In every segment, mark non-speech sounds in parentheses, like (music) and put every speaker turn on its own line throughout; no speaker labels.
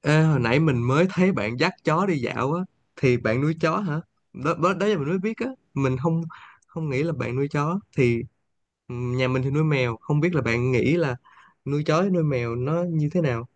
Ê, hồi nãy mình mới thấy bạn dắt chó đi dạo á, thì bạn nuôi chó hả? Đó, đó, đó là mình mới biết á, mình không không nghĩ là bạn nuôi chó thì ừ, nhà mình thì nuôi mèo, không biết là bạn nghĩ là nuôi chó với nuôi mèo nó như thế nào.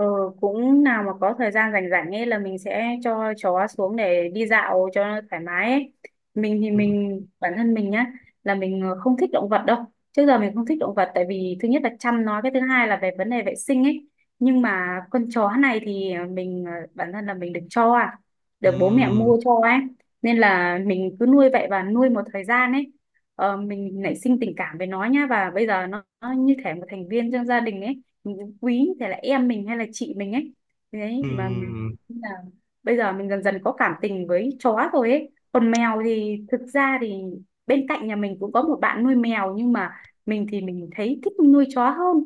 Ừ, cũng nào mà có thời gian rảnh rảnh ấy là mình sẽ cho chó xuống để đi dạo cho nó thoải mái ấy. Mình thì
Ừ,
mình bản thân mình nhá là mình không thích động vật đâu. Trước giờ mình không thích động vật tại vì thứ nhất là chăm nó, cái thứ hai là về vấn đề vệ sinh ấy. Nhưng mà con chó này thì mình bản thân là mình được bố mẹ
ừ,
mua cho ấy. Nên là mình cứ nuôi vậy và nuôi một thời gian ấy. Ờ, mình nảy sinh tình cảm với nó nhá và bây giờ nó như thể một thành viên trong gia đình ấy, mình quý thì là em mình hay là chị mình ấy
ừ.
đấy mà.
Ừ.
Nhưng bây giờ mình dần dần có cảm tình với chó rồi ấy, còn mèo thì thực ra thì bên cạnh nhà mình cũng có một bạn nuôi mèo nhưng mà mình thì mình thấy thích nuôi chó hơn.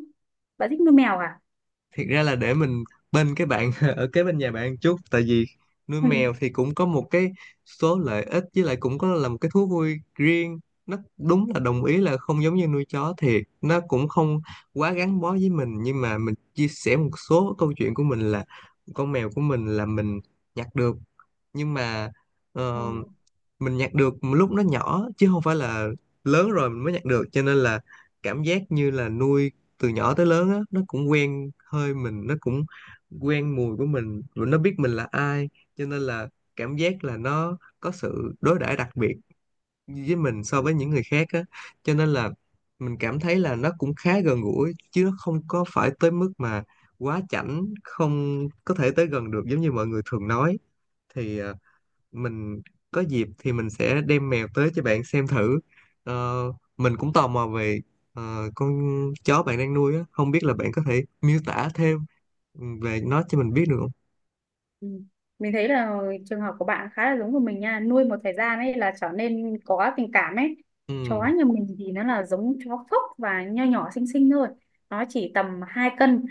Bạn thích nuôi mèo à?
Thiệt ra là để mình bên cái bạn (laughs) ở kế bên nhà bạn chút, tại vì nuôi
Ừ.
mèo thì cũng có một cái số lợi ích, với lại cũng có là một cái thú vui riêng. Nó đúng là đồng ý là không giống như nuôi chó thiệt, nó cũng không quá gắn bó với mình, nhưng mà mình chia sẻ một số câu chuyện của mình là con mèo của mình là mình nhặt được. Nhưng mà ờ,
(laughs)
mình nhặt được lúc nó nhỏ chứ không phải là lớn rồi mình mới nhặt được, cho nên là cảm giác như là nuôi từ nhỏ tới lớn á, nó cũng quen hơi mình, nó cũng quen mùi của mình và nó biết mình là ai, cho nên là cảm giác là nó có sự đối đãi đặc biệt với mình so với những người khác á, cho nên là mình cảm thấy là nó cũng khá gần gũi chứ nó không có phải tới mức mà quá chảnh, không có thể tới gần được giống như mọi người thường nói. Thì mình có dịp thì mình sẽ đem mèo tới cho bạn xem thử. Ờ, mình cũng tò mò về con chó bạn đang nuôi á, không biết là bạn có thể miêu tả thêm về nó cho mình biết được không?
Ừ. Ừ. Mình thấy là trường hợp của bạn khá là giống của mình nha, nuôi một thời gian ấy là trở nên có tình cảm ấy. Chó
Ừ.
nhà mình thì nó là giống chó phốc và nho nhỏ xinh xinh thôi, nó chỉ tầm 2 cân.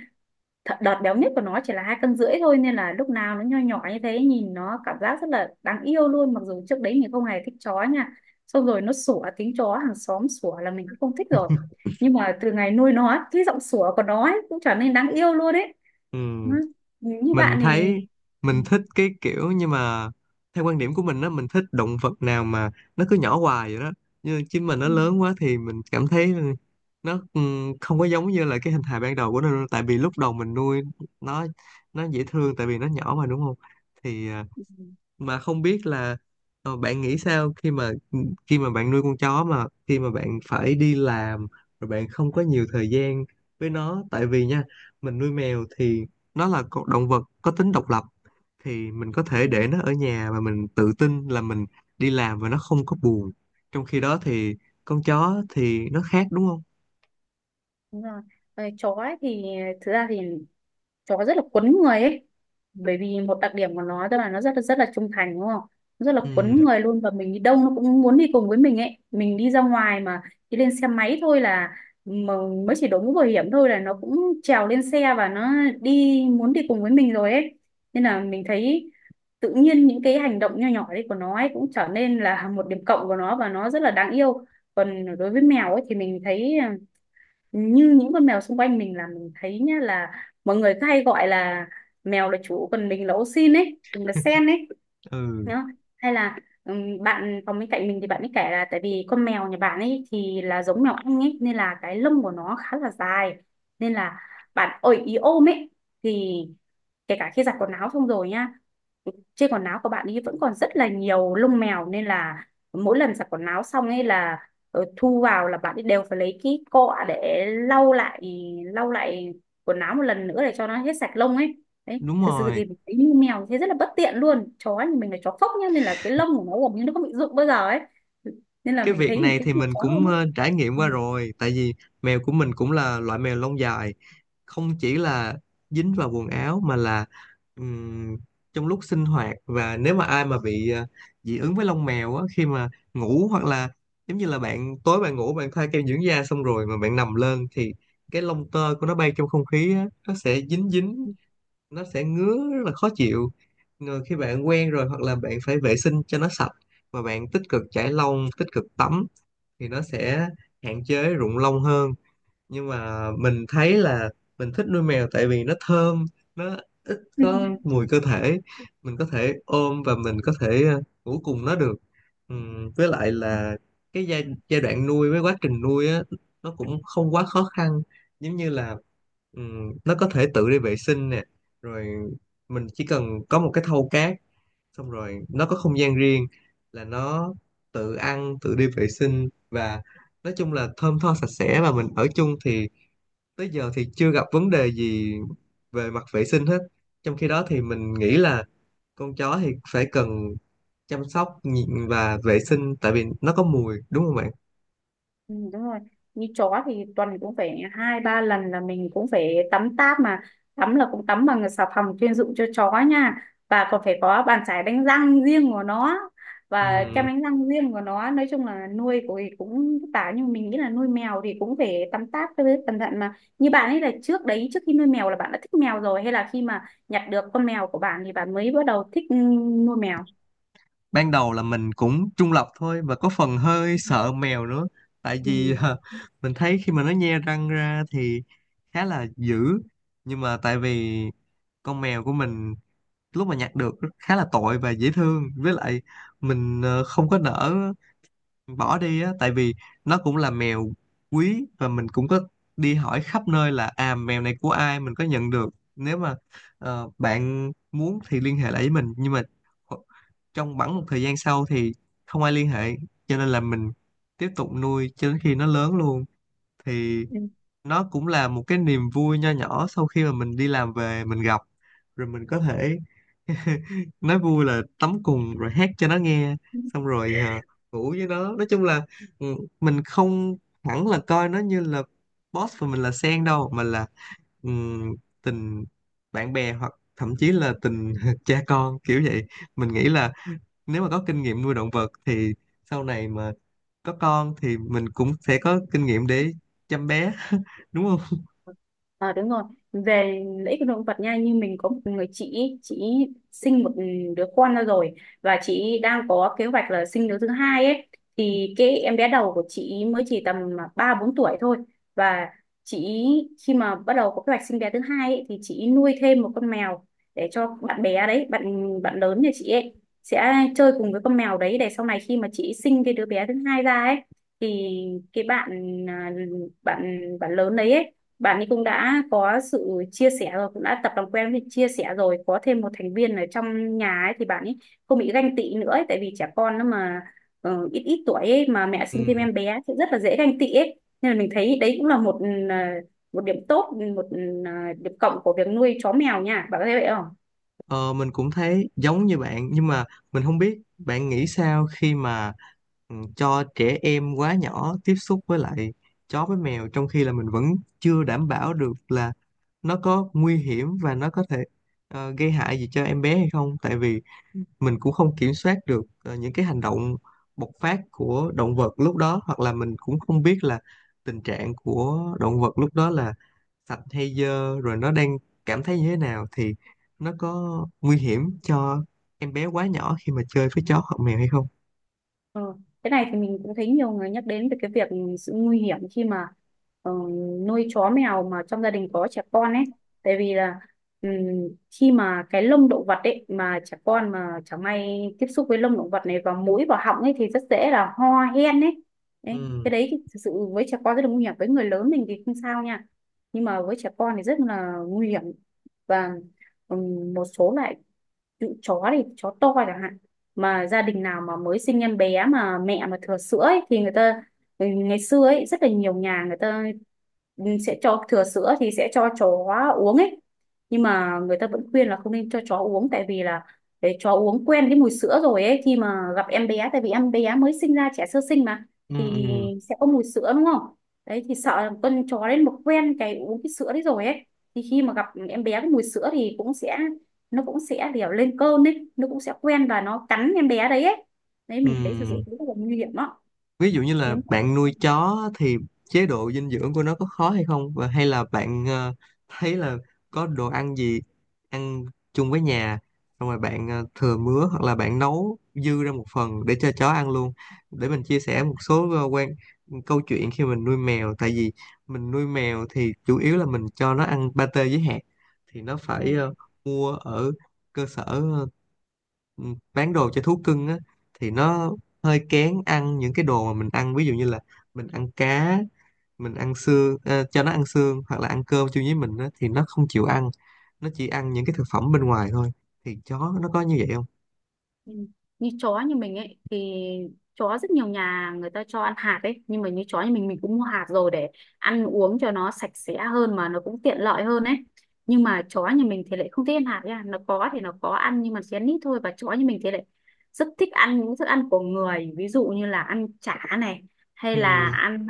Đợt béo nhất của nó chỉ là 2 cân rưỡi thôi, nên là lúc nào nó nho nhỏ như thế, nhìn nó cảm giác rất là đáng yêu luôn, mặc dù trước đấy mình không hề thích chó nha, xong rồi nó sủa tiếng chó hàng xóm sủa là mình cũng không thích rồi.
(laughs)
Nhưng mà từ ngày nuôi nó cái giọng sủa của nó ấy, cũng trở nên đáng yêu luôn đấy.
Ừ,
Ừ, như
mình
bạn thì
thấy
ừ,
mình thích cái kiểu, nhưng mà theo quan điểm của mình á, mình thích động vật nào mà nó cứ nhỏ hoài vậy đó, như chim mình nó
ừ,
lớn quá thì mình cảm thấy nó không có giống như là cái hình hài ban đầu của nó đâu. Tại vì lúc đầu mình nuôi nó nó dễ thương tại vì nó nhỏ mà, đúng không? thì à,
ừ, ừ,
mà không biết là bạn nghĩ sao khi mà khi mà bạn nuôi con chó mà khi mà bạn phải đi làm rồi bạn không có nhiều thời gian với nó, tại vì nha, mình nuôi mèo thì nó là con động vật có tính độc lập, thì mình có thể
ừ, ừ, ừ,
để
ừ.
nó ở nhà và mình tự tin là mình đi làm và nó không có buồn, trong khi đó thì con chó thì nó khác, đúng không?
Đúng rồi. Ờ, chó ấy thì thực ra thì chó rất là quấn người ấy, bởi vì một đặc điểm của nó tức là nó rất là trung thành đúng không? Nó rất là quấn
Ừ,
người luôn và mình đi đâu nó cũng muốn đi cùng với mình ấy, mình đi ra ngoài mà đi lên xe máy thôi là, mà mới chỉ đội mũ bảo hiểm thôi là nó cũng trèo lên xe và nó đi muốn đi cùng với mình rồi ấy. Nên là mình thấy tự nhiên những cái hành động nho nhỏ đấy của nó ấy cũng trở nên là một điểm cộng của nó và nó rất là đáng yêu. Còn đối với mèo ấy thì mình thấy à, như những con mèo xung quanh mình là mình thấy nhá, là mọi người cứ hay gọi là mèo là chủ còn mình là ô xin ấy, mình là sen ấy
ừ,
đó. Hay là bạn phòng bên cạnh mình thì bạn ấy kể là tại vì con mèo nhà bạn ấy thì là giống mèo Anh ấy nên là cái lông của nó khá là dài, nên là bạn ơi ý ôm ấy, thì kể cả khi giặt quần áo xong rồi nhá, trên quần áo của bạn ấy vẫn còn rất là nhiều lông mèo, nên là mỗi lần giặt quần áo xong ấy là rồi thu vào là bạn ấy đều phải lấy cái cọ để lau lại quần áo một lần nữa để cho nó hết sạch lông ấy. Đấy,
đúng
thực sự
rồi.
thì mình thấy như mèo thế rất là bất tiện luôn. Chó thì mình là chó phốc nhá nên là cái lông của nó gần như nó không bị rụng bao giờ ấy, nên là
Cái
mình
việc
thấy mình
này
thích
thì
con
mình
chó hơn
cũng
ấy.
trải nghiệm qua rồi, tại vì mèo của mình cũng là loại mèo lông dài, không chỉ là dính vào quần áo mà là ừm, trong lúc sinh hoạt, và nếu mà ai mà bị dị ứng với lông mèo á, khi mà ngủ hoặc là giống như là bạn tối bạn ngủ bạn thoa kem dưỡng da xong rồi mà bạn nằm lên thì cái lông tơ của nó bay trong không khí á, nó sẽ dính dính, nó sẽ ngứa rất là khó chịu. Rồi khi bạn quen rồi hoặc là bạn phải vệ sinh cho nó sạch và bạn tích cực chải lông, tích cực tắm thì nó sẽ hạn chế rụng lông hơn. Nhưng mà mình thấy là mình thích nuôi mèo tại vì nó thơm, nó ít
Ừ.
có
(laughs)
mùi cơ thể, mình có thể ôm và mình có thể ngủ cùng nó được. Với lại là cái giai đoạn nuôi với quá trình nuôi á, nó cũng không quá khó khăn, giống như là nó có thể tự đi vệ sinh nè, rồi mình chỉ cần có một cái thau cát, xong rồi nó có không gian riêng là nó tự ăn tự đi vệ sinh, và nói chung là thơm tho sạch sẽ, và mình ở chung thì tới giờ thì chưa gặp vấn đề gì về mặt vệ sinh hết. Trong khi đó thì mình nghĩ là con chó thì phải cần chăm sóc và vệ sinh, tại vì nó có mùi đúng không bạn?
Ừ, đúng rồi, như chó thì tuần cũng phải 2-3 lần là mình cũng phải tắm táp mà, tắm là cũng tắm bằng xà phòng chuyên dụng cho chó nha, và còn phải có bàn chải đánh răng riêng của nó và kem
Ừm,
đánh răng riêng của nó, nói chung là nuôi của thì cũng vất vả nhưng mà mình nghĩ là nuôi mèo thì cũng phải tắm táp với cẩn thận mà. Như bạn ấy là trước đấy trước khi nuôi mèo là bạn đã thích mèo rồi hay là khi mà nhặt được con mèo của bạn thì bạn mới bắt đầu thích nuôi mèo?
ban đầu là mình cũng trung lập thôi và có phần hơi sợ mèo nữa, tại vì mình thấy khi mà nó nhe răng ra thì khá là dữ, nhưng mà tại vì con mèo của mình lúc mà nhặt được khá là tội và dễ thương, với lại mình không có nỡ bỏ đi á, tại vì nó cũng là mèo quý, và mình cũng có đi hỏi khắp nơi là à mèo này của ai, mình có nhận được, nếu mà bạn muốn thì liên hệ lại với mình. Nhưng mà kho- trong bẵng một thời gian sau thì không ai liên hệ, cho nên là mình tiếp tục nuôi cho đến khi nó lớn luôn. Thì
Ừ.
nó cũng là một cái niềm vui nho nhỏ sau khi mà mình đi làm về mình gặp, rồi mình có thể (laughs) nói vui là tắm cùng rồi hát cho nó nghe, xong rồi ngủ với nó. Nói chung là ừ, mình không hẳn là coi nó như là boss và mình là sen đâu, mà là ừm, tình bạn bè hoặc thậm chí là tình (laughs) cha con kiểu vậy. Mình nghĩ là nếu mà có kinh nghiệm nuôi động vật thì sau này mà có con thì mình cũng sẽ có kinh nghiệm để chăm bé, (laughs) đúng không?
Ờ đúng rồi, về lợi ích của động vật nha, như mình có một người chị ý sinh một đứa con ra rồi, và chị ý đang có kế hoạch là sinh đứa thứ hai ấy, thì cái em bé đầu của chị ý mới chỉ tầm 3-4 tuổi thôi, và chị ý khi mà bắt đầu có kế hoạch sinh bé thứ hai ấy, thì chị ý nuôi thêm một con mèo để cho bạn bé đấy, bạn bạn lớn nhà chị ấy sẽ chơi cùng với con mèo đấy để sau này khi mà chị ý sinh cái đứa bé thứ hai ra ấy, thì cái bạn à, bạn bạn lớn đấy ấy, bạn ấy cũng đã có sự chia sẻ rồi, cũng đã tập làm quen với chia sẻ rồi có thêm một thành viên ở trong nhà ấy thì bạn ấy không bị ganh tị nữa ấy, tại vì trẻ con nó mà ít ít tuổi ấy, mà mẹ sinh thêm
Ừ.
em bé thì rất là dễ ganh tị ấy, nên là mình thấy đấy cũng là một một điểm tốt, một điểm cộng của việc nuôi chó mèo nha, bạn có thấy vậy không?
Ờ, mình cũng thấy giống như bạn, nhưng mà mình không biết bạn nghĩ sao khi mà ừ, cho trẻ em quá nhỏ tiếp xúc với lại chó với mèo, trong khi là mình vẫn chưa đảm bảo được là nó có nguy hiểm và nó có thể gây hại gì cho em bé hay không, tại vì mình cũng không kiểm soát được những cái hành động bộc phát của động vật lúc đó, hoặc là mình cũng không biết là tình trạng của động vật lúc đó là sạch hay dơ, rồi nó đang cảm thấy như thế nào, thì nó có nguy hiểm cho em bé quá nhỏ khi mà chơi với chó hoặc mèo hay không?
Ờ, cái này thì mình cũng thấy nhiều người nhắc đến về cái việc sự nguy hiểm khi mà ờ, nuôi chó mèo mà trong gia đình có trẻ con ấy. Tại vì là ừm, khi mà cái lông động vật ấy mà trẻ con mà chẳng may tiếp xúc với lông động vật này vào mũi vào họng ấy thì rất dễ là ho hen ấy. Đấy, cái
ừ
đấy thì thực sự với trẻ con rất là nguy hiểm. Với người lớn mình thì không sao nha. Nhưng mà với trẻ con thì rất là nguy hiểm. Và một số loại chó thì chó to chẳng hạn, mà gia đình nào mà mới sinh em bé mà mẹ mà thừa sữa ấy, thì người ta ngày xưa ấy rất là nhiều nhà người ta sẽ cho thừa sữa thì sẽ cho chó uống ấy, nhưng mà người ta vẫn khuyên là không nên cho chó uống tại vì là để chó uống quen cái mùi sữa rồi ấy, khi mà gặp em bé tại vì em bé mới sinh ra trẻ sơ sinh mà
ừ
thì
ừ
sẽ có mùi sữa đúng không, đấy thì sợ là con chó đến một quen cái uống cái sữa đấy rồi ấy, thì khi mà gặp em bé có mùi sữa thì cũng sẽ, nó cũng sẽ kiểu lên cơn ấy, nó cũng sẽ quen và nó cắn em bé đấy ấy. Đấy, mình thấy thực
ừ
sự rất là nguy hiểm đó.
Ví dụ như là
những
bạn nuôi chó thì chế độ dinh dưỡng của nó có khó hay không, và hay là bạn thấy là có đồ ăn gì ăn chung với nhà, xong rồi bạn thừa mứa hoặc là bạn nấu dư ra một phần để cho chó ăn luôn. Để mình chia sẻ một số câu chuyện khi mình nuôi mèo, tại vì mình nuôi mèo thì chủ yếu là mình cho nó ăn pate với hạt, thì nó phải mua ở cơ sở ừ, bán đồ cho thú cưng á. Thì nó hơi kén ăn những cái đồ mà mình ăn, ví dụ như là mình ăn cá, mình ăn xương, cho nó ăn xương hoặc là ăn cơm chung với mình á, thì nó không chịu ăn, nó chỉ ăn những cái thực phẩm bên ngoài thôi. Thì chó nó có như vậy không?
Ừ. Như chó như mình ấy thì chó rất nhiều nhà người ta cho ăn hạt ấy, nhưng mà như chó như mình cũng mua hạt rồi để ăn uống cho nó sạch sẽ hơn mà nó cũng tiện lợi hơn ấy, nhưng mà chó như mình thì lại không thích ăn hạt nha, nó có thì nó có ăn nhưng mà chén ít thôi, và chó như mình thì lại rất thích ăn những thức ăn của người ví dụ như là ăn chả này, hay
Ừ.
là ăn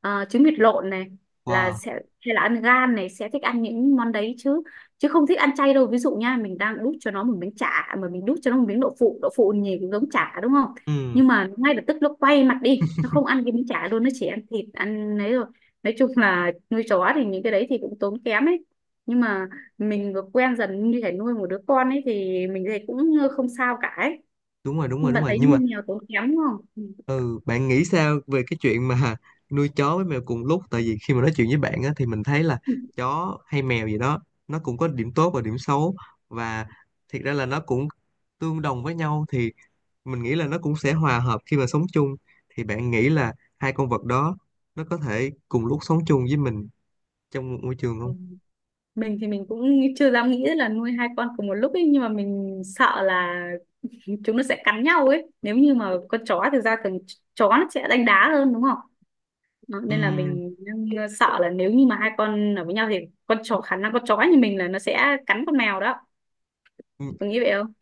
trứng vịt lộn này là
Wow.
sẽ, hay là ăn gan này, sẽ thích ăn những món đấy chứ, chứ không thích ăn chay đâu. Ví dụ nha, mình đang đút cho nó một miếng chả à, mà mình đút cho nó một miếng đậu phụ, đậu phụ nhìn cũng giống chả đúng không?
Ừ,
Nhưng mà ngay lập tức nó quay mặt đi, nó không ăn cái miếng chả luôn, nó chỉ ăn thịt ăn ấy rồi. Nói chung là nuôi chó thì những cái đấy thì cũng tốn kém ấy, nhưng mà mình vừa quen dần như thể nuôi một đứa con ấy thì mình thấy cũng không sao cả ấy.
đúng rồi, đúng rồi,
Nhưng
đúng
mà
rồi,
thấy
nhưng mà
như mèo tốn kém đúng không?
ừ, bạn nghĩ sao về cái chuyện mà (laughs) nuôi chó với mèo cùng lúc? Tại vì khi mà nói chuyện với bạn á, thì mình thấy là
Ừ.
chó hay mèo gì đó nó cũng có điểm tốt và điểm xấu, và thiệt ra là nó cũng tương đồng với nhau, thì mình nghĩ là nó cũng sẽ hòa hợp khi mà sống chung. Thì bạn nghĩ là hai con vật đó nó có thể cùng lúc sống chung với mình trong một môi trường
Ừ.
không?
Mình thì mình cũng chưa dám nghĩ là nuôi hai con cùng một lúc ấy nhưng mà mình sợ là (laughs) chúng nó sẽ cắn nhau ấy, nếu như mà con chó thực ra thường chó nó sẽ đánh đá hơn đúng không? Đó, nên là
Ừm,
mình đang sợ là nếu như mà hai con ở với nhau thì con chó khả năng con chó như mình là nó sẽ cắn con mèo đó, có nghĩ vậy không?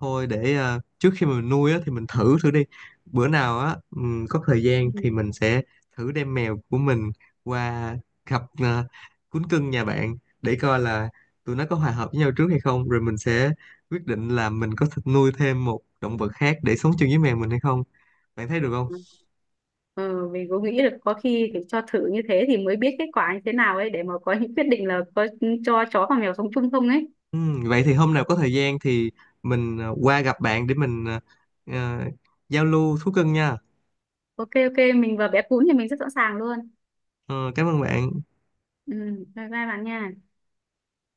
thôi để trước khi mà mình nuôi á, thì mình thử thử đi, bữa nào á có thời gian
Ừ.
thì mình sẽ thử đem mèo của mình qua gặp cún cưng nhà bạn để coi là tụi nó có hòa hợp với nhau trước hay không, rồi mình sẽ quyết định là mình có thịt nuôi thêm một động vật khác để sống chung với mèo mình hay không. Bạn thấy được không?
Ừ. Ờ, mình cũng nghĩ được, có khi phải cho thử như thế thì mới biết kết quả như thế nào ấy để mà có những quyết định là có cho chó và mèo sống chung không ấy.
Vậy thì hôm nào có thời gian thì mình qua gặp bạn để mình ờ, giao lưu thú cưng nha.
OK OK, mình và bé cún thì mình rất sẵn sàng luôn.
Ờ, cảm ơn bạn.
Ừ, bye bye bạn nha.